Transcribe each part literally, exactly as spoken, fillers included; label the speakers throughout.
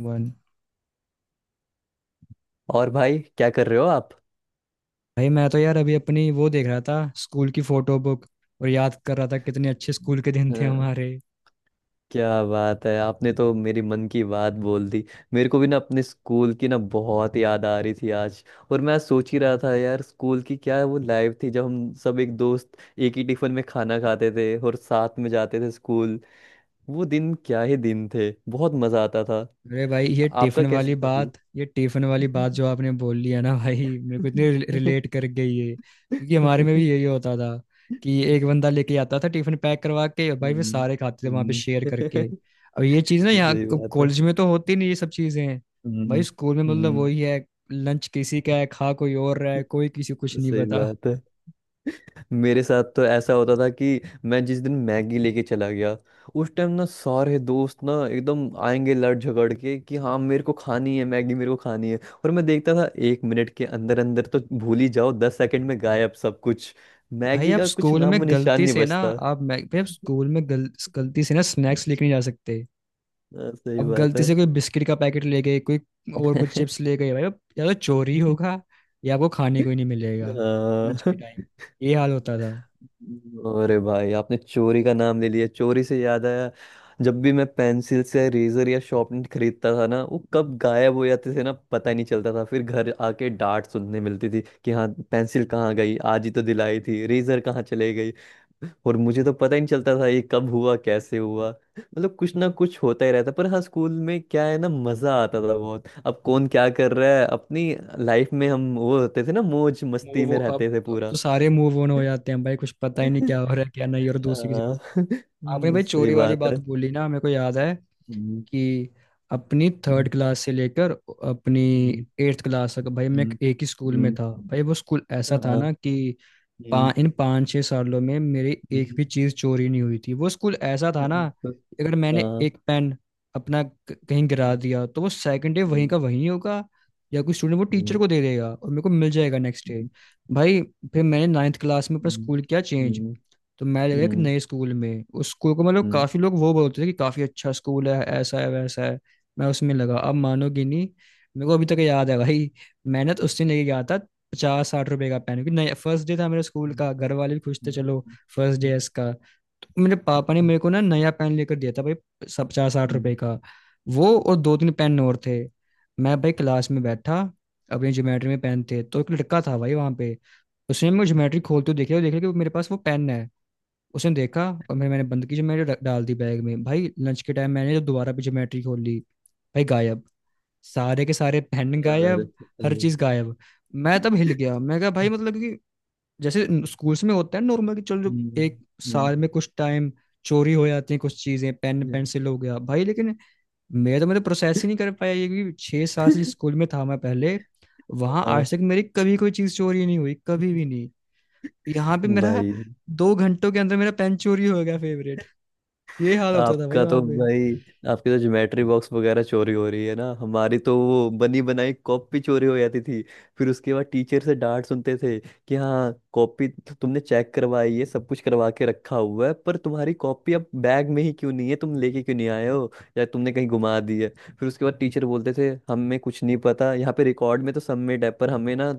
Speaker 1: One.
Speaker 2: और भाई क्या कर रहे हो आप।
Speaker 1: भाई, मैं तो यार अभी अपनी वो देख रहा था स्कूल की फोटो बुक। और याद कर रहा था कितने अच्छे स्कूल के दिन थे
Speaker 2: हाँ,
Speaker 1: हमारे।
Speaker 2: क्या बात है, आपने तो मेरी मन की बात बोल दी। मेरे को भी ना अपने स्कूल की ना बहुत याद आ रही थी आज। और मैं सोच ही रहा था, यार स्कूल की क्या वो लाइफ थी जब हम सब एक दोस्त एक ही टिफिन में खाना खाते थे और साथ में जाते थे स्कूल। वो दिन क्या ही दिन थे, बहुत मजा आता था।
Speaker 1: अरे भाई, ये
Speaker 2: आपका
Speaker 1: टिफिन वाली
Speaker 2: कैसा था फील?
Speaker 1: बात ये टिफिन वाली बात जो आपने बोल ली है ना, भाई मेरे को इतनी रिलेट कर गई है, क्योंकि हमारे में भी यही होता था कि एक बंदा लेके आता था टिफिन पैक करवा के, और भाई वे
Speaker 2: हम्म,
Speaker 1: सारे खाते थे वहां पे
Speaker 2: हम्म,
Speaker 1: शेयर करके। अब ये चीज ना
Speaker 2: सही
Speaker 1: यहाँ
Speaker 2: बात है।
Speaker 1: कॉलेज में तो होती नहीं ये सब चीजें। भाई
Speaker 2: हम्म,
Speaker 1: स्कूल में मतलब
Speaker 2: हम्म।
Speaker 1: वही है। लंच किसी का है, खा कोई और रहा है, कोई किसी को कुछ नहीं
Speaker 2: सही
Speaker 1: पता।
Speaker 2: बात है। मेरे साथ तो ऐसा होता था कि मैं जिस दिन मैगी लेके चला गया उस टाइम ना सारे दोस्त ना एकदम आएंगे लड़ झगड़ के कि हाँ मेरे को खानी है मैगी, मेरे को खानी है। और मैं देखता था एक मिनट के अंदर अंदर तो भूल ही जाओ, दस सेकंड में गायब सब कुछ।
Speaker 1: भाई
Speaker 2: मैगी
Speaker 1: आप
Speaker 2: का कुछ
Speaker 1: स्कूल में
Speaker 2: नामो निशान
Speaker 1: गलती
Speaker 2: नहीं
Speaker 1: से ना
Speaker 2: बचता।
Speaker 1: आप मैं भाई आप स्कूल में गल, गलती से ना स्नैक्स लेके नहीं जा सकते।
Speaker 2: हाँ, सही
Speaker 1: अब
Speaker 2: बात
Speaker 1: गलती
Speaker 2: है।
Speaker 1: से कोई बिस्किट का पैकेट ले गए, कोई और कुछ चिप्स ले गए भाई, अब या तो चोरी होगा या आपको खाने को ही नहीं मिलेगा लंच के
Speaker 2: हाँ।
Speaker 1: टाइम। ये हाल होता था।
Speaker 2: अरे भाई, आपने चोरी का नाम ले लिया, चोरी से याद आया। जब भी मैं पेंसिल से रेजर या शार्पनर खरीदता था ना वो कब गायब हो जाते थे ना पता ही नहीं चलता था, फिर घर आके डांट सुनने मिलती थी कि हाँ पेंसिल कहाँ गई, आज ही तो दिलाई थी, रेजर कहाँ चले गई। और मुझे तो पता ही नहीं चलता था ये कब हुआ कैसे हुआ। मतलब कुछ ना कुछ होता ही रहता, पर हाँ स्कूल में क्या है ना, मजा आता था बहुत। अब कौन क्या कर रहा है अपनी लाइफ में, हम वो होते थे ना, मौज मस्ती
Speaker 1: मूव
Speaker 2: में
Speaker 1: अब
Speaker 2: रहते थे
Speaker 1: अब
Speaker 2: पूरा।
Speaker 1: तो सारे मूव ऑन हो जाते हैं भाई, कुछ पता ही नहीं क्या हो रहा है क्या नहीं। और दूसरी किसी
Speaker 2: हाँ।
Speaker 1: आपने
Speaker 2: हम्म,
Speaker 1: भाई
Speaker 2: सही
Speaker 1: चोरी वाली
Speaker 2: बात
Speaker 1: बात
Speaker 2: है।
Speaker 1: बोली ना, मेरे को याद है
Speaker 2: हम्म।
Speaker 1: कि अपनी थर्ड
Speaker 2: हम्म।
Speaker 1: क्लास से लेकर अपनी
Speaker 2: हम्म।
Speaker 1: एट्थ क्लास तक भाई मैं
Speaker 2: हम्म।
Speaker 1: एक ही स्कूल में
Speaker 2: हम्म।
Speaker 1: था। भाई वो स्कूल ऐसा था
Speaker 2: हाँ।
Speaker 1: ना कि
Speaker 2: हम्म।
Speaker 1: पा, इन पाँच छः सालों में मेरी एक
Speaker 2: हम्म।
Speaker 1: भी चीज़ चोरी नहीं हुई थी। वो स्कूल ऐसा था ना, अगर मैंने
Speaker 2: हाँ।
Speaker 1: एक पेन अपना क- कहीं गिरा
Speaker 2: हम्म।
Speaker 1: दिया तो वो सेकंड डे वहीं
Speaker 2: हम्म।
Speaker 1: का वहीं होगा, या कोई स्टूडेंट वो टीचर
Speaker 2: हम्म।
Speaker 1: को दे देगा और मेरे को मिल जाएगा नेक्स्ट डे। भाई फिर मैंने नाइन्थ क्लास में अपना स्कूल किया चेंज।
Speaker 2: हम्म।
Speaker 1: तो मैं लगा एक
Speaker 2: हम्म।
Speaker 1: नए स्कूल में, उस स्कूल को मतलब
Speaker 2: हम्म।
Speaker 1: काफी लोग वो बोलते थे कि काफी अच्छा स्कूल है, ऐसा है वैसा है। मैं उसमें लगा, अब मानोगे नहीं, मेरे को अभी तक याद है भाई। मैंने तो उस दिन लेके गया था पचास साठ रुपए का पेन, क्योंकि नया फर्स्ट डे था मेरे स्कूल का, घर वाले भी खुश थे,
Speaker 2: हम्म।
Speaker 1: चलो फर्स्ट डे है इसका, तो मेरे पापा ने मेरे को ना नया पेन लेकर दिया था भाई, सब पचास साठ
Speaker 2: हम्म।
Speaker 1: रुपए का। वो और दो तीन पेन और थे। मैं भाई क्लास में बैठा, अपनी ज्योमेट्री में पेन थे, तो एक लड़का था भाई वहां पे। उसने मेरे ज्योमेट्री खोलते हुए देखा और देखा कि वो मेरे पास वो पेन है। उसने देखा और मैं मैंने बंद की, जो मैंने रख- डाल दी बैग में। भाई लंच के टाइम मैंने जब दोबारा भी ज्योमेट्री खोली, भाई गायब। सारे के सारे पेन
Speaker 2: यार,
Speaker 1: गायब। हर
Speaker 2: सही।
Speaker 1: चीज गायब। मैं तब हिल गया। मैं कहा भाई मतलब कि जैसे स्कूल्स में होता है नॉर्मल कि चलो जो
Speaker 2: हम्म।
Speaker 1: एक
Speaker 2: हम्म।
Speaker 1: साल में कुछ टाइम चोरी हो जाती है कुछ चीजें, पेन
Speaker 2: हम्म।
Speaker 1: पेंसिल हो गया भाई, लेकिन मैं तो मतलब प्रोसेस ही नहीं कर पाया ये कि छह साल से जिस स्कूल में था मैं पहले, वहां
Speaker 2: हाँ।
Speaker 1: आज तक मेरी कभी कोई चीज चोरी नहीं हुई, कभी भी नहीं। यहाँ पे मेरा
Speaker 2: भाई
Speaker 1: दो घंटों के अंदर मेरा पेन चोरी हो गया फेवरेट। ये हाल होता था भाई
Speaker 2: आपका तो
Speaker 1: वहां पे।
Speaker 2: भाई आपकी तो ज्योमेट्री बॉक्स वगैरह चोरी हो रही है ना, हमारी तो वो बनी बनाई कॉपी चोरी हो जाती थी। फिर उसके बाद टीचर से डांट सुनते थे कि हाँ कॉपी तो तुमने चेक करवाई है, सब कुछ करवा के रखा हुआ है, पर तुम्हारी कॉपी अब बैग में ही क्यों नहीं है, तुम लेके क्यों नहीं आए हो, या तुमने कहीं गुमा दी है। फिर उसके बाद टीचर बोलते थे हमें कुछ नहीं पता, यहाँ पे रिकॉर्ड में तो सबमिट है पर हमें ना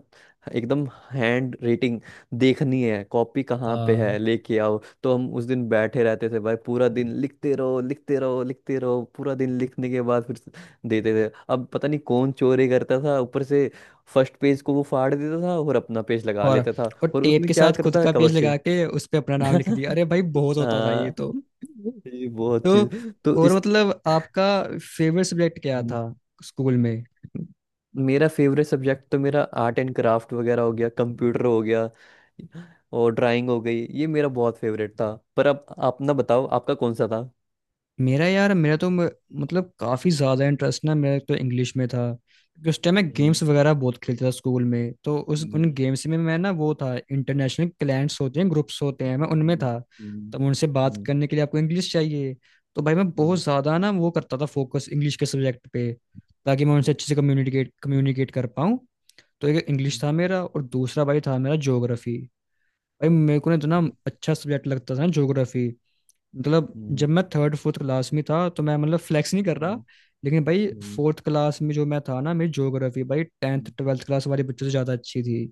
Speaker 2: एकदम हैंड रेटिंग देखनी है कॉपी, कहाँ पे
Speaker 1: हाँ।
Speaker 2: है लेके आओ। तो हम उस दिन बैठे रहते थे भाई, पूरा दिन लिखते रहो लिखते रहो लिखते रहो, पूरा दिन लिखने के बाद फिर से देते थे। अब पता नहीं कौन चोरी करता था, ऊपर से फर्स्ट पेज को वो फाड़ देता था और अपना पेज लगा
Speaker 1: और
Speaker 2: लेता था।
Speaker 1: और
Speaker 2: और
Speaker 1: टेप
Speaker 2: उसमें
Speaker 1: के
Speaker 2: क्या
Speaker 1: साथ खुद
Speaker 2: करता है
Speaker 1: का पेज
Speaker 2: कवर
Speaker 1: लगा
Speaker 2: से।
Speaker 1: के उस पे अपना नाम लिख दिया, अरे भाई बहुत होता था ये
Speaker 2: हाँ।
Speaker 1: तो
Speaker 2: ये बहुत
Speaker 1: तो
Speaker 2: चीज। तो
Speaker 1: और
Speaker 2: इस।
Speaker 1: मतलब आपका फेवरेट सब्जेक्ट क्या
Speaker 2: हम्म।
Speaker 1: था स्कूल में?
Speaker 2: मेरा फेवरेट सब्जेक्ट तो मेरा आर्ट एंड क्राफ्ट वगैरह हो गया, कंप्यूटर हो गया और ड्राइंग हो गई। ये मेरा बहुत फेवरेट था, पर अब अपना बताओ आपका कौन सा
Speaker 1: मेरा यार, मेरा तो म- मतलब काफ़ी ज़्यादा इंटरेस्ट ना मेरा तो इंग्लिश में था, क्योंकि उस टाइम मैं
Speaker 2: था?
Speaker 1: गेम्स वगैरह बहुत खेलता था स्कूल में, तो उस उन गेम्स में मैं ना वो था इंटरनेशनल क्लाइंट्स होते हैं, ग्रुप्स होते हैं, मैं उनमें था। तब उनसे बात करने के लिए आपको इंग्लिश चाहिए, तो भाई मैं बहुत ज़्यादा ना वो करता था फोकस इंग्लिश के सब्जेक्ट पे, ताकि मैं उनसे अच्छे से कम्युनिकेट कम्युनिकेट कर पाऊँ। तो एक
Speaker 2: क्या
Speaker 1: इंग्लिश था मेरा और दूसरा भाई था मेरा ज्योग्राफी। भाई मेरे को ना इतना अच्छा सब्जेक्ट लगता था ना ज्योग्राफी। मतलब जब मैं थर्ड फोर्थ क्लास में था, तो मैं मतलब फ्लैक्स नहीं कर रहा लेकिन भाई, फोर्थ क्लास में जो मैं था ना, मेरी ज्योग्राफी भाई टेंथ ट्वेल्थ क्लास वाले बच्चों से ज़्यादा अच्छी थी।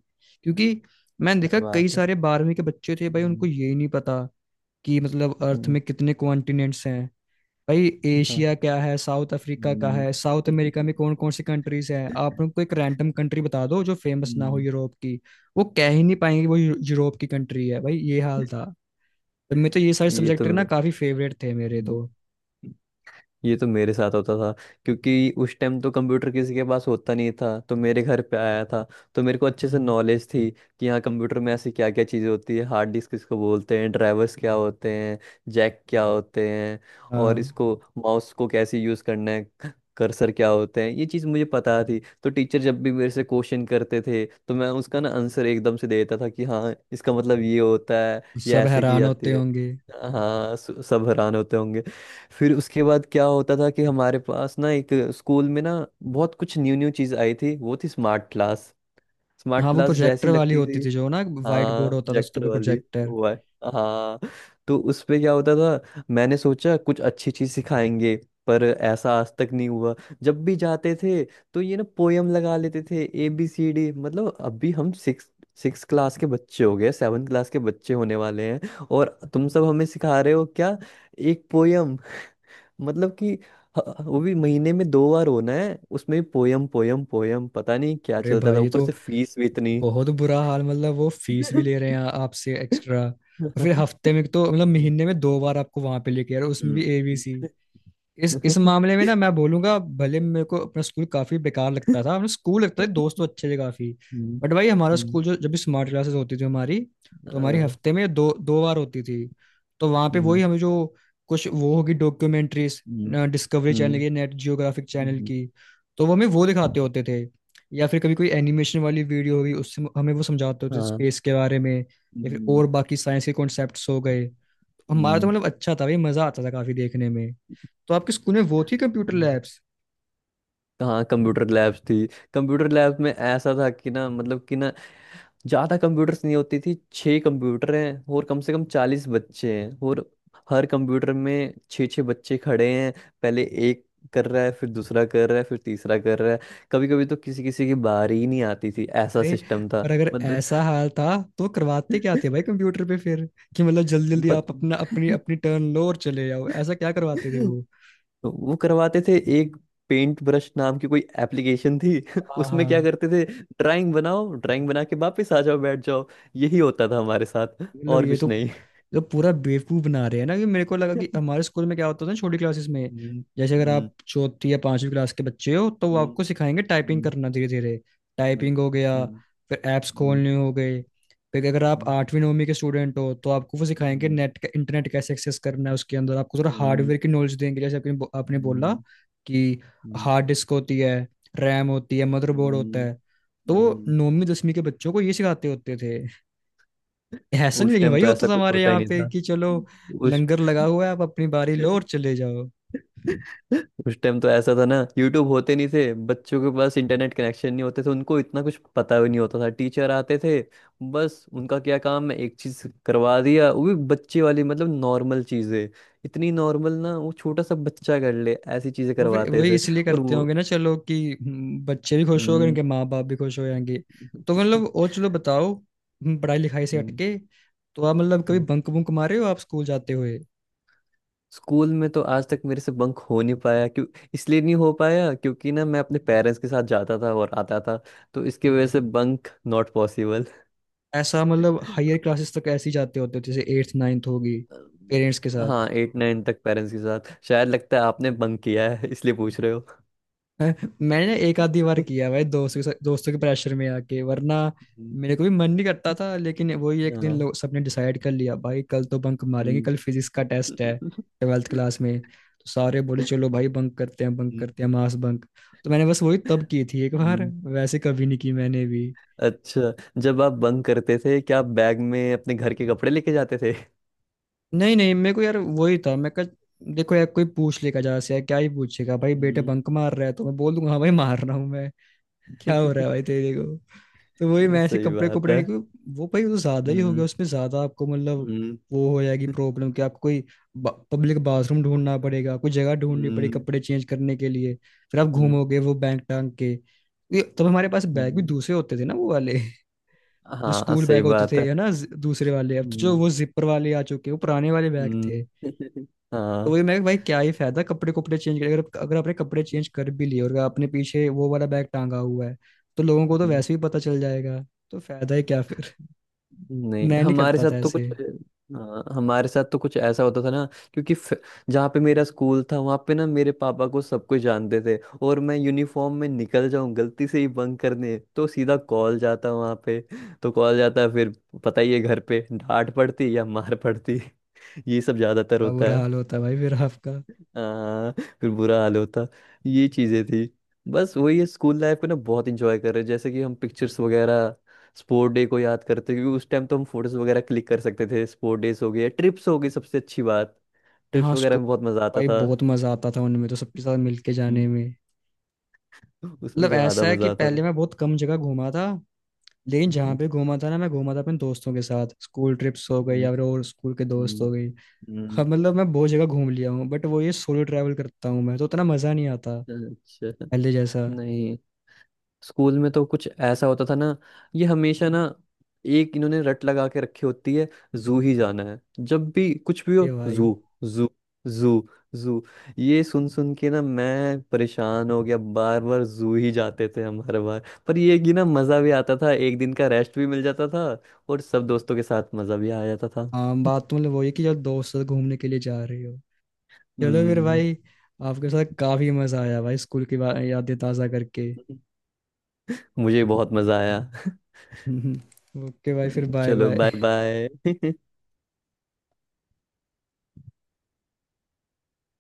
Speaker 1: क्योंकि मैंने देखा कई
Speaker 2: बात है।
Speaker 1: सारे बारहवीं के बच्चे थे भाई, उनको
Speaker 2: हम्म।
Speaker 1: ये ही नहीं पता कि मतलब अर्थ
Speaker 2: हम्म।
Speaker 1: में कितने कॉन्टिनेंट्स हैं। भाई
Speaker 2: हाँ।
Speaker 1: एशिया क्या है, साउथ अफ्रीका का
Speaker 2: हम्म।
Speaker 1: है, साउथ अमेरिका में कौन कौन सी कंट्रीज हैं, आप उनको एक रैंडम कंट्री बता दो जो फेमस ना हो
Speaker 2: हम्म।
Speaker 1: यूरोप की, वो कह ही नहीं पाएंगे वो यू- यूरोप की कंट्री है। भाई ये हाल था। तो मैं तो ये सारे
Speaker 2: ये तो
Speaker 1: सब्जेक्ट ना काफी फेवरेट थे मेरे
Speaker 2: मैं
Speaker 1: तो।
Speaker 2: ये तो मेरे साथ होता था, क्योंकि उस टाइम तो कंप्यूटर किसी के पास होता नहीं था, तो मेरे घर पे आया था, तो मेरे को अच्छे से
Speaker 1: हम्म।
Speaker 2: नॉलेज थी कि हाँ कंप्यूटर में ऐसी क्या क्या चीज़ें होती है, हार्ड डिस्क किसको बोलते हैं, ड्राइवर्स क्या होते हैं, जैक क्या होते हैं, और
Speaker 1: हाँ,
Speaker 2: इसको माउस को कैसे यूज़ करना है, कर्सर क्या होते हैं। ये चीज़ मुझे पता थी, तो टीचर जब भी मेरे से क्वेश्चन करते थे तो मैं उसका ना आंसर एकदम से दे देता था कि हाँ इसका मतलब ये होता है, ये
Speaker 1: सब
Speaker 2: ऐसे की
Speaker 1: हैरान
Speaker 2: जाती
Speaker 1: होते
Speaker 2: है।
Speaker 1: होंगे।
Speaker 2: हाँ, सु- सब हैरान होते होंगे। फिर उसके बाद क्या होता था कि हमारे पास ना एक स्कूल में ना बहुत कुछ न्यू न्यू चीज आई थी, वो थी स्मार्ट क्लास। स्मार्ट
Speaker 1: हाँ, वो
Speaker 2: क्लास जैसी
Speaker 1: प्रोजेक्टर वाली
Speaker 2: लगती
Speaker 1: होती
Speaker 2: थी।
Speaker 1: थी जो ना, वाइट
Speaker 2: हाँ
Speaker 1: बोर्ड होता था उसके
Speaker 2: प्रोजेक्टर
Speaker 1: ऊपर
Speaker 2: वाली,
Speaker 1: प्रोजेक्टर।
Speaker 2: वो है। हाँ। तो उस पे क्या होता था, मैंने सोचा कुछ अच्छी चीज सिखाएंगे, पर ऐसा आज तक नहीं हुआ। जब भी जाते थे तो ये ना पोयम लगा लेते थे, ए बी सी डी। मतलब अभी हम सिक्स सिक्स क्लास के बच्चे हो गए, सेवन क्लास के बच्चे होने वाले हैं, और तुम सब हमें सिखा रहे हो क्या, एक पोयम? मतलब कि ह- वो भी महीने में दो बार होना है, उसमें भी पोयम पोयम पोयम पता नहीं क्या
Speaker 1: अरे
Speaker 2: चलता था,
Speaker 1: भाई ये
Speaker 2: ऊपर
Speaker 1: तो
Speaker 2: से फीस भी इतनी।
Speaker 1: बहुत बुरा हाल, मतलब वो फीस भी ले रहे हैं आपसे एक्स्ट्रा और फिर हफ्ते में तो मतलब
Speaker 2: हम्म।
Speaker 1: महीने में दो बार आपको वहां पे लेके यार, उसमें भी ए बी सी। इस इस मामले में ना मैं बोलूंगा, भले मेरे को अपना स्कूल काफी बेकार लगता था, अपना स्कूल लगता था, दोस्त तो अच्छे थे काफी,
Speaker 2: हम्म।
Speaker 1: बट भाई हमारा
Speaker 2: हम्म,
Speaker 1: स्कूल जो, जब भी स्मार्ट क्लासेस होती थी हमारी, तो हमारी
Speaker 2: हाँ।
Speaker 1: हफ्ते में दो दो बार होती थी। तो वहां पे वही
Speaker 2: हम्म।
Speaker 1: हमें जो कुछ वो होगी डॉक्यूमेंट्रीज,
Speaker 2: हम्म।
Speaker 1: डिस्कवरी चैनल
Speaker 2: हम्म।
Speaker 1: की, नेट जियोग्राफिक चैनल
Speaker 2: हम्म।
Speaker 1: की, तो वो हमें वो दिखाते होते थे, या फिर कभी कोई एनिमेशन वाली वीडियो होगी, उससे हमें वो समझाते होते थे
Speaker 2: हाँ।
Speaker 1: स्पेस के बारे में या फिर
Speaker 2: हम्म।
Speaker 1: और बाकी साइंस के कॉन्सेप्ट्स हो गए। हमारा तो
Speaker 2: हम्म।
Speaker 1: मतलब अच्छा था भाई, मजा आता था काफी देखने में। तो आपके स्कूल में वो थी कंप्यूटर
Speaker 2: हम्म।
Speaker 1: लैब्स?
Speaker 2: हाँ कंप्यूटर लैब्स थी। कंप्यूटर लैब्स में ऐसा था कि ना मतलब कि ना ज्यादा कंप्यूटर्स नहीं होती थी, छह कंप्यूटर हैं और कम से कम चालीस बच्चे हैं, और हर कंप्यूटर में छः छः बच्चे खड़े हैं। पहले एक कर रहा है, फिर दूसरा कर रहा है, फिर तीसरा कर रहा है, कभी कभी तो किसी किसी की बारी ही नहीं आती थी, ऐसा
Speaker 1: अरे,
Speaker 2: सिस्टम था।
Speaker 1: पर अगर
Speaker 2: मतलब
Speaker 1: ऐसा हाल था तो करवाते क्या थे भाई कंप्यूटर पे फिर, कि मतलब जल्दी जल्दी
Speaker 2: बत,
Speaker 1: आप अपना अपनी अपनी टर्न लो और चले जाओ, ऐसा क्या करवाते थे वो?
Speaker 2: वो करवाते थे एक पेंट ब्रश नाम की कोई एप्लीकेशन थी। उसमें क्या
Speaker 1: हाँ,
Speaker 2: करते थे, ड्राइंग बनाओ, ड्राइंग बना के वापस आ जाओ, बैठ जाओ। यही होता था हमारे साथ,
Speaker 1: मतलब
Speaker 2: और
Speaker 1: ये
Speaker 2: कुछ
Speaker 1: तो
Speaker 2: नहीं।
Speaker 1: ये तो पूरा बेवकूफ बना रहे हैं ना। कि मेरे को लगा कि हमारे स्कूल में क्या होता था ना, छोटी क्लासेस में
Speaker 2: हम्म।
Speaker 1: जैसे अगर
Speaker 2: हम्म।
Speaker 1: आप चौथी या पांचवी क्लास के बच्चे हो तो वो
Speaker 2: हम्म।
Speaker 1: आपको सिखाएंगे टाइपिंग
Speaker 2: हम्म।
Speaker 1: करना धीरे धीरे।
Speaker 2: हम्म।
Speaker 1: टाइपिंग हो गया,
Speaker 2: हम्म।
Speaker 1: फिर ऐप्स
Speaker 2: हम्म।
Speaker 1: खोलने हो गए, फिर अगर आप आठवीं नौवीं के स्टूडेंट हो तो आपको वो
Speaker 2: हम्म।
Speaker 1: सिखाएंगे
Speaker 2: हम्म।
Speaker 1: नेट का इंटरनेट कैसे एक्सेस करना है, उसके अंदर आपको थोड़ा
Speaker 2: हम्म।
Speaker 1: हार्डवेयर की नॉलेज देंगे जैसे आपने बो- आपने बोला
Speaker 2: हम्म।
Speaker 1: कि
Speaker 2: हम्म।
Speaker 1: हार्ड डिस्क होती है, रैम होती है, मदरबोर्ड होता
Speaker 2: हम्म।
Speaker 1: है, तो
Speaker 2: हम्म।
Speaker 1: नौवीं दसवीं के बच्चों को ये सिखाते होते थे। ऐसा नहीं
Speaker 2: उस
Speaker 1: लेकिन
Speaker 2: टाइम
Speaker 1: भाई
Speaker 2: तो
Speaker 1: वो तो
Speaker 2: ऐसा कुछ
Speaker 1: हमारे
Speaker 2: होता ही
Speaker 1: यहाँ
Speaker 2: नहीं
Speaker 1: पे
Speaker 2: था।
Speaker 1: कि चलो
Speaker 2: उस
Speaker 1: लंगर लगा हुआ है, आप अपनी बारी लो और चले जाओ।
Speaker 2: उस टाइम तो ऐसा था ना, यूट्यूब होते नहीं थे, बच्चों के पास इंटरनेट कनेक्शन नहीं होते थे, उनको इतना कुछ पता भी नहीं होता था। टीचर आते थे, बस उनका क्या काम है, एक चीज करवा दिया, वो भी बच्चे वाली मतलब नॉर्मल चीजें, इतनी नॉर्मल ना वो छोटा सा बच्चा कर ले ऐसी चीजें
Speaker 1: वो फिर
Speaker 2: करवाते
Speaker 1: वही
Speaker 2: थे।
Speaker 1: इसलिए
Speaker 2: और
Speaker 1: करते
Speaker 2: वो
Speaker 1: होंगे ना चलो कि हम्म, बच्चे भी खुश हो गए,
Speaker 2: हम्म।
Speaker 1: उनके माँ बाप भी खुश हो जाएंगे। तो मतलब और चलो बताओ, हम्म, पढ़ाई लिखाई से हटके तो आप मतलब कभी
Speaker 2: हम्म।
Speaker 1: बंक बुंक मारे हो आप स्कूल जाते हुए?
Speaker 2: स्कूल में तो आज तक मेरे से बंक हो नहीं पाया, क्यों? इसलिए नहीं हो पाया क्योंकि ना मैं अपने पेरेंट्स के साथ जाता था और आता था, तो इसकी वजह से बंक नॉट पॉसिबल।
Speaker 1: ऐसा मतलब हायर क्लासेस तक ऐसे ही जाते होते हो जैसे एट्थ नाइन्थ होगी, पेरेंट्स के साथ?
Speaker 2: हाँ एट नाइन तक पेरेंट्स के साथ, शायद लगता है आपने बंक किया है इसलिए पूछ रहे हो।
Speaker 1: हैं? मैंने एक आधी बार किया भाई, दोस्तों के साथ- दोस्तों के प्रेशर में आके, वरना
Speaker 2: हम्म,
Speaker 1: मेरे को भी मन नहीं करता था, लेकिन वही एक दिन
Speaker 2: हाँ।
Speaker 1: लोग सबने डिसाइड कर लिया भाई कल तो बंक मारेंगे,
Speaker 2: हम्म।
Speaker 1: कल फिजिक्स का टेस्ट है। ट्वेल्थ क्लास में तो सारे बोले चलो भाई बंक करते हैं बंक
Speaker 2: हम्म।
Speaker 1: करते हैं, मास बंक। तो मैंने बस वही तब की थी एक बार,
Speaker 2: हम्म।
Speaker 1: वैसे कभी नहीं की मैंने भी।
Speaker 2: अच्छा, जब आप बंक करते थे क्या आप बैग में अपने घर के कपड़े लेके जाते थे?
Speaker 1: नहीं नहीं, मेरे को यार वही था, मैं कहा देखो यार कोई पूछ लेगा जरा से, यार क्या ही पूछेगा भाई बेटे
Speaker 2: हम्म।
Speaker 1: बंक मार रहा है, तो मैं बोल दूंगा हाँ भाई मार रहा हूँ, क्या हो रहा है भाई तेरे को। तो वही मैं ऐसे
Speaker 2: सही
Speaker 1: कपड़े
Speaker 2: बात
Speaker 1: कपड़े
Speaker 2: है।
Speaker 1: नहीं, कोई वो भाई वो ज्यादा ही हो गया
Speaker 2: हम्म।
Speaker 1: उसमें, ज्यादा आपको मतलब
Speaker 2: हम्म।
Speaker 1: वो हो जाएगी प्रॉब्लम कि आपको कोई पब्लिक बाथरूम ढूंढना पड़ेगा, कोई जगह ढूंढनी पड़ेगी
Speaker 2: हम्म।
Speaker 1: कपड़े चेंज करने के लिए। फिर आप
Speaker 2: हम्म।
Speaker 1: घूमोगे वो बैग टांग के, ये तब हमारे पास बैग भी
Speaker 2: हम्म।
Speaker 1: दूसरे होते थे ना वो वाले जो
Speaker 2: हाँ,
Speaker 1: स्कूल
Speaker 2: सही
Speaker 1: बैग होते
Speaker 2: बात
Speaker 1: थे
Speaker 2: है।
Speaker 1: है ना, ज- दूसरे वाले, अब तो जो
Speaker 2: हम्म।
Speaker 1: वो जिपर वाले आ चुके हैं, वो पुराने वाले बैग थे।
Speaker 2: हम्म।
Speaker 1: तो
Speaker 2: हाँ।
Speaker 1: वही मैं भाई क्या ही फायदा कपड़े कपड़े चेंज करके, अगर अगर आपने कपड़े चेंज कर भी लिए और अगर आपने पीछे वो वाला बैग टांगा हुआ है, तो लोगों को तो
Speaker 2: हम्म।
Speaker 1: वैसे ही पता चल जाएगा। तो फायदा ही क्या फिर?
Speaker 2: नहीं
Speaker 1: मैं नहीं
Speaker 2: हमारे
Speaker 1: करता
Speaker 2: साथ
Speaker 1: था
Speaker 2: तो कुछ,
Speaker 1: ऐसे।
Speaker 2: हाँ हमारे साथ तो कुछ ऐसा होता था ना, क्योंकि फ- जहाँ पे मेरा स्कूल था वहाँ पे ना मेरे पापा को सब कुछ जानते थे। और मैं यूनिफॉर्म में निकल जाऊँ गलती से ही बंक करने तो सीधा कॉल जाता वहाँ पे। तो कॉल जाता, फिर पता ही है घर पे डांट पड़ती या मार पड़ती। ये सब ज्यादातर
Speaker 1: अब
Speaker 2: होता।
Speaker 1: बुरा हाल होता भाई फिर आपका।
Speaker 2: हाँ, फिर बुरा हाल होता। ये चीजें थी। बस वही है, स्कूल लाइफ को ना बहुत इंजॉय कर रहे हैं, जैसे कि हम पिक्चर्स वगैरह, स्पोर्ट डे को याद करते, क्योंकि उस टाइम तो हम फोटोज वगैरह क्लिक कर सकते थे, स्पोर्ट डेज हो गए, ट्रिप्स हो गई। सबसे अच्छी बात, ट्रिप्स
Speaker 1: हाँ,
Speaker 2: वगैरह
Speaker 1: स्कूल
Speaker 2: में बहुत मजा आता
Speaker 1: भाई
Speaker 2: था।
Speaker 1: बहुत मजा आता था उनमें तो, सबके साथ मिलके
Speaker 2: हम्म,
Speaker 1: जाने में।
Speaker 2: उसमें
Speaker 1: मतलब
Speaker 2: ज्यादा
Speaker 1: ऐसा है कि
Speaker 2: मजा आता था।
Speaker 1: पहले मैं बहुत कम जगह घूमा था, लेकिन जहाँ
Speaker 2: हम्म।
Speaker 1: पे घूमा था ना, मैं घूमा था अपने दोस्तों के साथ, स्कूल ट्रिप्स हो गई
Speaker 2: हम्म।
Speaker 1: या फिर और स्कूल के दोस्त हो
Speaker 2: हम्म।
Speaker 1: गई। हाँ,
Speaker 2: हम्म।
Speaker 1: मतलब मैं बहुत जगह घूम लिया हूँ, बट वो ये सोलो ट्रैवल करता हूँ मैं तो उतना मजा नहीं आता
Speaker 2: अच्छा।
Speaker 1: पहले जैसा।
Speaker 2: नहीं स्कूल में तो कुछ ऐसा होता था ना, ये हमेशा ना एक इन्होंने रट लगा के रखी होती है, जू ही जाना है जब भी कुछ भी हो।
Speaker 1: ये भाई।
Speaker 2: जू, जू, जू, जू, ये सुन सुन के ना मैं परेशान हो गया, बार बार जू ही जाते थे हम हर बार, पर ये कि ना मजा भी आता था, एक दिन का रेस्ट भी मिल जाता था और सब दोस्तों के साथ मजा भी आ जाता था।
Speaker 1: हाँ, बात तो मतलब वही कि जब दोस्त से घूमने के लिए जा रहे हो। चलो फिर
Speaker 2: हम्म।
Speaker 1: भाई, आपके साथ काफी मजा आया भाई, स्कूल की बा- यादें ताजा करके।
Speaker 2: मुझे बहुत मजा आया।
Speaker 1: ओके भाई, फिर बाय
Speaker 2: चलो, बाय
Speaker 1: बाय।
Speaker 2: बाय।